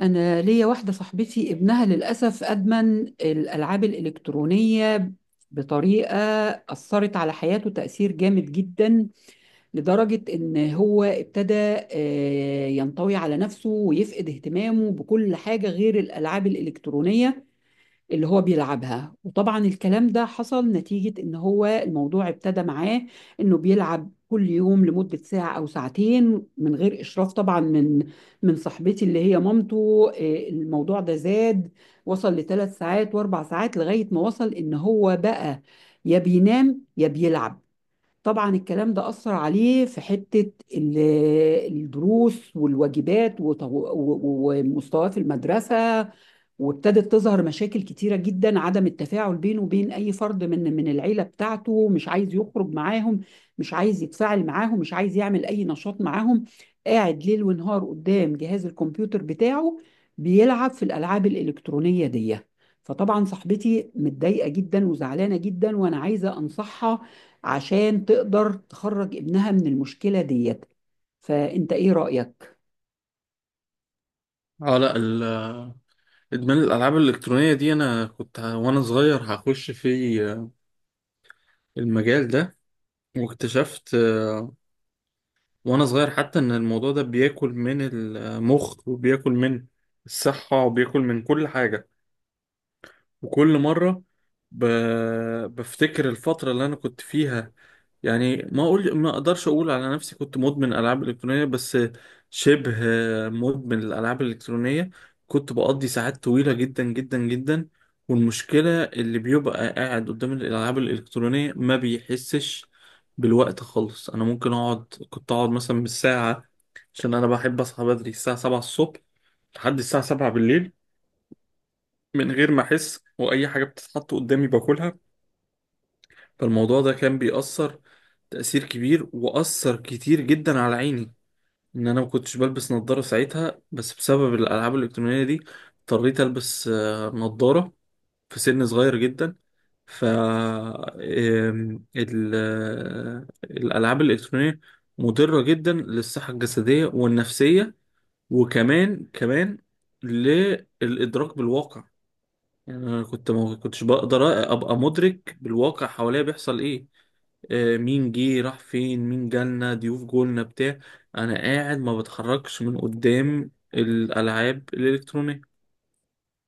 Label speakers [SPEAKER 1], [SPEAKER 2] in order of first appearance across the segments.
[SPEAKER 1] أنا ليا واحدة صاحبتي ابنها للأسف أدمن الألعاب الإلكترونية بطريقة أثرت على حياته تأثير جامد جدا، لدرجة إن هو ابتدى ينطوي على نفسه ويفقد اهتمامه بكل حاجة غير الألعاب الإلكترونية اللي هو بيلعبها. وطبعا الكلام ده حصل نتيجة ان هو الموضوع ابتدى معاه انه بيلعب كل يوم لمدة ساعة او ساعتين من غير اشراف، طبعا من صاحبتي اللي هي مامته. الموضوع ده زاد، وصل لثلاث ساعات واربع ساعات لغاية ما وصل ان هو بقى يا بينام يا بيلعب. طبعا الكلام ده أثر عليه في حتة ال- الدروس والواجبات وط- و- و- ومستواه في المدرسة. وابتدت تظهر مشاكل كتيرة جدا، عدم التفاعل بينه وبين أي فرد من العيلة بتاعته، مش عايز يخرج معاهم، مش عايز يتفاعل معاهم، مش عايز يعمل أي نشاط معاهم، قاعد ليل ونهار قدام جهاز الكمبيوتر بتاعه بيلعب في الألعاب الإلكترونية دي. فطبعا صاحبتي متضايقة جدا وزعلانة جدا، وأنا عايزة أنصحها عشان تقدر تخرج ابنها من المشكلة ديت. فأنت إيه رأيك؟
[SPEAKER 2] اه لا ال- ادمان الالعاب الالكترونيه دي انا وانا صغير هخش في المجال ده. واكتشفت وانا صغير حتى ان الموضوع ده بياكل من المخ وبياكل من الصحه وبياكل من كل حاجه. وكل مرة ب... بفتكر الفترة اللي أنا كنت فيها، يعني ما أقدرش أقول على نفسي كنت مدمن ألعاب إلكترونية، بس شبه مدمن الألعاب الإلكترونية. كنت بقضي ساعات طويلة جدا جدا جدا، والمشكلة اللي بيبقى قاعد قدام الألعاب الإلكترونية ما بيحسش بالوقت خالص. أنا ممكن أقعد كنت أقعد مثلا بالساعة، عشان أنا بحب أصحى بدري، الساعة 7 الصبح لحد الساعة 7 بالليل، من غير ما احس، واي حاجه بتتحط قدامي باكلها. فالموضوع ده كان بيأثر تأثير كبير، وأثر كتير جدا على عيني، ان انا ما كنتش بلبس نظاره ساعتها، بس بسبب الالعاب الالكترونيه دي اضطريت البس نظاره في سن صغير جدا. ف آم، ال- آه، الالعاب الالكترونيه مضره جدا للصحه الجسديه والنفسيه، وكمان كمان للادراك بالواقع. يعني انا ما كنتش بقدر ابقى مدرك بالواقع حواليا بيحصل ايه، مين جه، راح فين، مين جالنا ضيوف جولنا بتاع، انا قاعد ما بتحركش من قدام الالعاب الالكترونيه.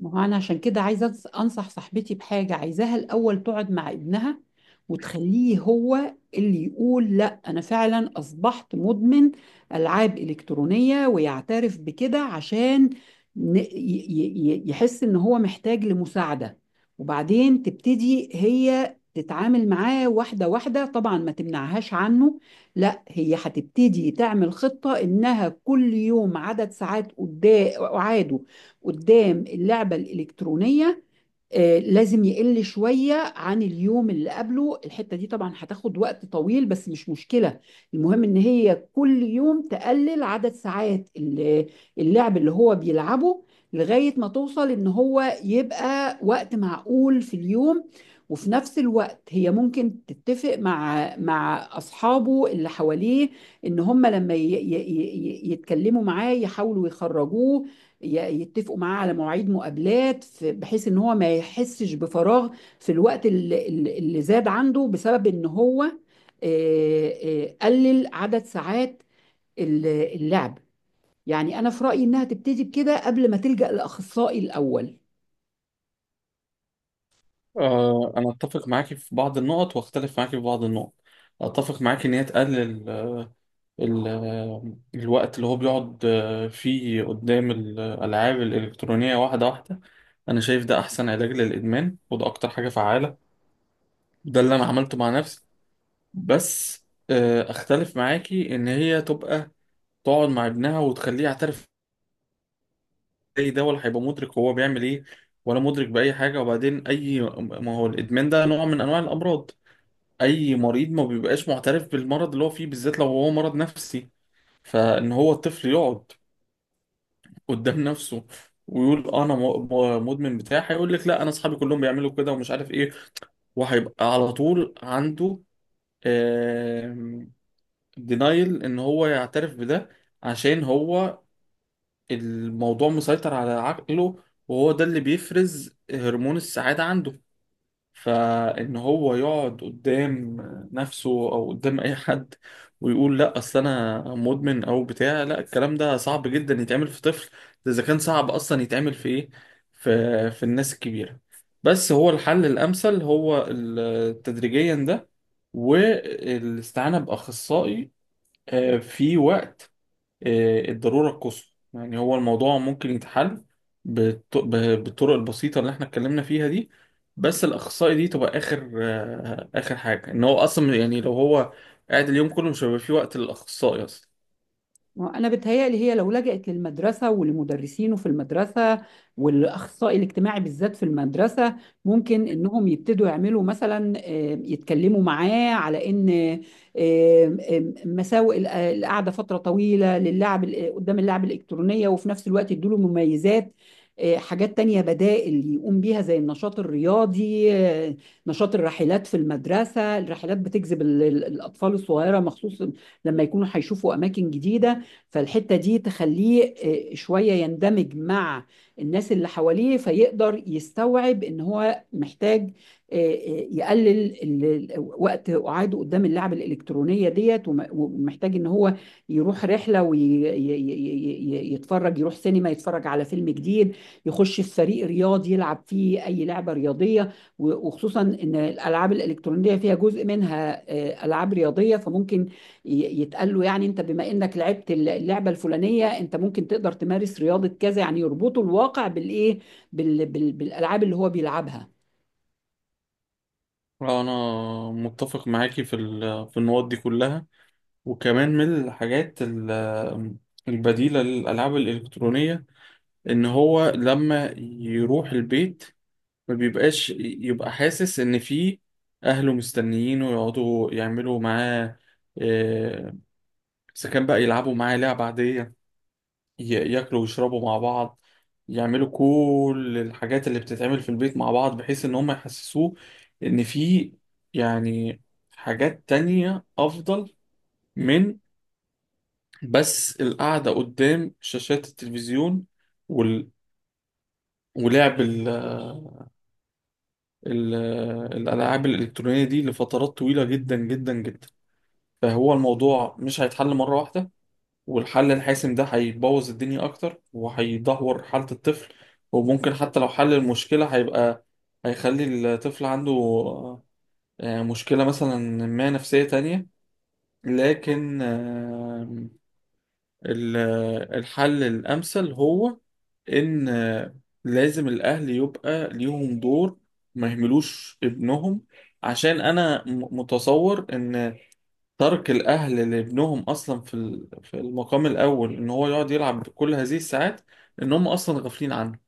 [SPEAKER 1] ما هو انا عشان كده عايزه انصح صاحبتي بحاجه، عايزاها الاول تقعد مع ابنها وتخليه هو اللي يقول لا انا فعلا اصبحت مدمن العاب الكترونيه، ويعترف بكده عشان يحس ان هو محتاج لمساعده. وبعدين تبتدي هي تتعامل معاه واحده واحده، طبعا ما تمنعهاش عنه، لا هي هتبتدي تعمل خطه انها كل يوم عدد ساعات قدام اعاده قدام اللعبة الإلكترونية. لازم يقل شوية عن اليوم اللي قبله. الحتة دي طبعا هتاخد وقت طويل بس مش مشكلة. المهم إن هي كل يوم تقلل عدد ساعات اللعب اللي هو بيلعبه لغاية ما توصل إن هو يبقى وقت معقول في اليوم. وفي نفس الوقت هي ممكن تتفق مع أصحابه اللي حواليه إن هم لما يتكلموا معاه يحاولوا يخرجوه، يتفقوا معاه على مواعيد مقابلات بحيث ان هو ما يحسش بفراغ في الوقت اللي زاد عنده بسبب ان هو قلل عدد ساعات اللعب. يعني انا في رأيي انها تبتدي بكده قبل ما تلجأ لأخصائي الأول.
[SPEAKER 2] انا اتفق معاكي في بعض النقط، واختلف معاكي في بعض النقط. اتفق معاكي ان هي تقلل ال- آه، الوقت اللي هو بيقعد فيه قدام الالعاب الالكترونيه، واحده واحده. انا شايف ده احسن علاج للادمان، وده اكتر حاجه فعاله، ده اللي انا عملته مع نفسي. بس اختلف معاكي ان هي تبقى تقعد مع ابنها وتخليه يعترف. زي ده ولا هيبقى مدرك هو بيعمل ايه، ولا مدرك باي حاجه. وبعدين اي، ما هو الادمان ده نوع من انواع الامراض، اي مريض ما بيبقاش معترف بالمرض اللي هو فيه، بالذات لو هو مرض نفسي. فان هو الطفل يقعد قدام نفسه ويقول انا مدمن بتاع، هيقول لك لا انا اصحابي كلهم بيعملوا كده ومش عارف ايه. وهيبقى على طول عنده دينايل ان هو يعترف بده، عشان هو الموضوع مسيطر على عقله، وهو ده اللي بيفرز هرمون السعادة عنده. فان هو يقعد قدام نفسه او قدام اي حد ويقول لا اصل انا مدمن او بتاع، لا الكلام ده صعب جدا يتعمل في طفل، ده اذا كان صعب اصلا يتعمل في ايه، في الناس الكبيرة. بس هو الحل الامثل هو تدريجيا ده، والاستعانة بأخصائي في وقت الضرورة القصوى. يعني هو الموضوع ممكن يتحل بالطرق البسيطة اللي احنا اتكلمنا فيها دي، بس الأخصائي دي تبقى آخر آخر حاجة. إن هو أصلا يعني لو هو قاعد اليوم كله مش هيبقى في وقت للأخصائي أصلا.
[SPEAKER 1] انا بتهيألي هي لو لجأت للمدرسه ولمدرسينه في المدرسه والاخصائي الاجتماعي بالذات في المدرسه، ممكن انهم يبتدوا يعملوا مثلا يتكلموا معاه على ان مساوئ القعده فتره طويله للعب قدام اللعب الالكترونيه، وفي نفس الوقت يدوا له مميزات. حاجات تانية بدائل يقوم بيها زي النشاط الرياضي، نشاط الرحلات في المدرسة. الرحلات بتجذب الأطفال الصغيرة مخصوص لما يكونوا هيشوفوا أماكن جديدة. فالحتة دي تخليه شوية يندمج مع الناس اللي حواليه، فيقدر يستوعب ان هو محتاج يقلل ال- وقت قعاده قدام اللعبة الإلكترونية ديت، وم- ومحتاج ان هو يروح رحلة ويتفرج، يروح سينما يتفرج على فيلم جديد، يخش في فريق رياضي يلعب فيه أي لعبة رياضية. وخصوصا ان الالعاب الالكترونيه فيها جزء منها العاب رياضيه، فممكن يتقال له يعني انت بما انك لعبت اللعبه الفلانيه انت ممكن تقدر تمارس رياضه كذا. يعني يربطوا الواقع بالايه، بالالعاب اللي هو بيلعبها.
[SPEAKER 2] أنا متفق معاكي في في النقط دي كلها. وكمان من الحاجات البديلة للألعاب الإلكترونية، إن هو لما يروح البيت ما بيبقاش يبقى حاسس ان في اهله مستنيينه، يقعدوا يعملوا معاه آه، اذا كان بقى يلعبوا معاه لعبة عادية، ياكلوا ويشربوا مع بعض، يعملوا كل الحاجات اللي بتتعمل في البيت مع بعض، بحيث ان هم يحسسوه ان في يعني حاجات تانية افضل من بس القعدة قدام شاشات التلفزيون وال... ولعب ال- الألعاب الإلكترونية دي لفترات طويلة جدا جدا جدا. فهو الموضوع مش هيتحل مرة واحدة، والحل الحاسم ده هيبوظ الدنيا أكتر وهيدهور حالة الطفل. وممكن حتى لو حل المشكلة هيبقى، هيخلي الطفل عنده مشكلة مثلا ما نفسية تانية. لكن ال- الحل الأمثل هو إن لازم الأهل يبقى ليهم دور، ما يهملوش ابنهم. عشان أنا متصور إن ترك الأهل لابنهم أصلا في في المقام الأول، إن هو يقعد يلعب كل هذه الساعات، إن هم أصلا غافلين عنه.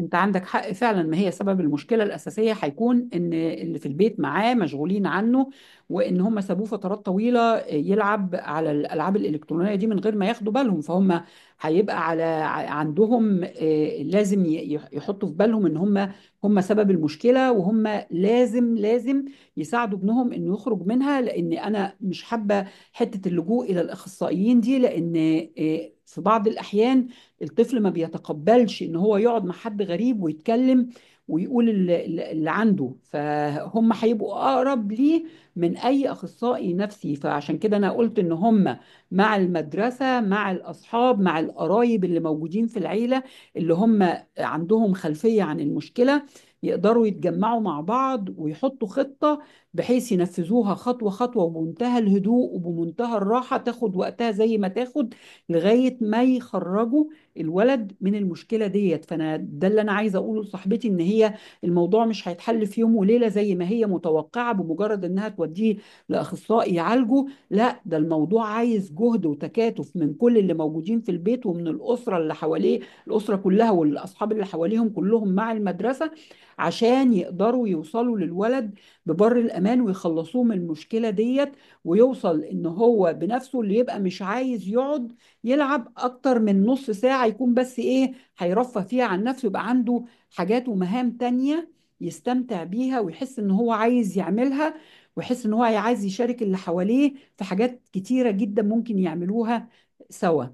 [SPEAKER 1] انت عندك حق فعلا. ما هي سبب المشكله الاساسيه هيكون ان اللي في البيت معاه مشغولين عنه، وان هم سابوه فترات طويله يلعب على الالعاب الالكترونيه دي من غير ما ياخدوا بالهم. فهم هيبقى على عندهم، لازم يحطوا في بالهم ان هم هم سبب المشكله، وهم لازم لازم يساعدوا ابنهم انه يخرج منها. لان انا مش حابه حته اللجوء الى الاخصائيين دي، لان في بعض الاحيان الطفل ما بيتقبلش ان هو يقعد مع حد غريب ويتكلم. ويقول اللي عنده فهم هيبقوا اقرب ليه من اي اخصائي نفسي. فعشان كده انا قلت ان هم مع المدرسه، مع الاصحاب، مع القرايب اللي موجودين في العيله، اللي هم عندهم خلفيه عن المشكله، يقدروا يتجمعوا مع بعض ويحطوا خطه بحيث ينفذوها خطوه خطوه، وبمنتهى الهدوء وبمنتهى الراحه، تاخد وقتها زي ما تاخد لغايه ما يخرجوا الولد من المشكله ديت. فانا ده اللي انا عايزه اقوله لصاحبتي، ان هي الموضوع مش هيتحل في يوم وليله زي ما هي متوقعه بمجرد انها توديه لاخصائي يعالجه. لا ده الموضوع عايز جهد وتكاتف من كل اللي موجودين في البيت ومن الاسره اللي حواليه، الاسره كلها والاصحاب اللي حواليهم كلهم مع المدرسه، عشان يقدروا يوصلوا للولد ببر الامان ويخلصوه من المشكله ديت، ويوصل ان هو بنفسه اللي يبقى مش عايز يقعد يلعب اكتر من نص ساعة. يكون بس ايه هيرفه فيها عن نفسه، يبقى عنده حاجات ومهام تانية يستمتع بيها ويحس ان هو عايز يعملها، ويحس ان هو عايز يشارك اللي حواليه في حاجات كتيرة جدا ممكن يعملوها سوا.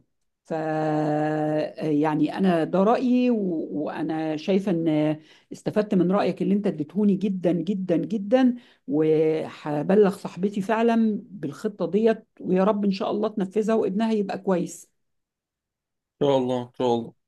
[SPEAKER 1] ف يعني انا ده رأيي وانا شايفة ان استفدت من رأيك اللي انت اديتهوني جدا جدا جدا. وهبلغ صاحبتي فعلا بالخطة ديت، ويا رب إن شاء الله تنفذها وابنها يبقى كويس.
[SPEAKER 2] إن شاء الله، إن شاء الله.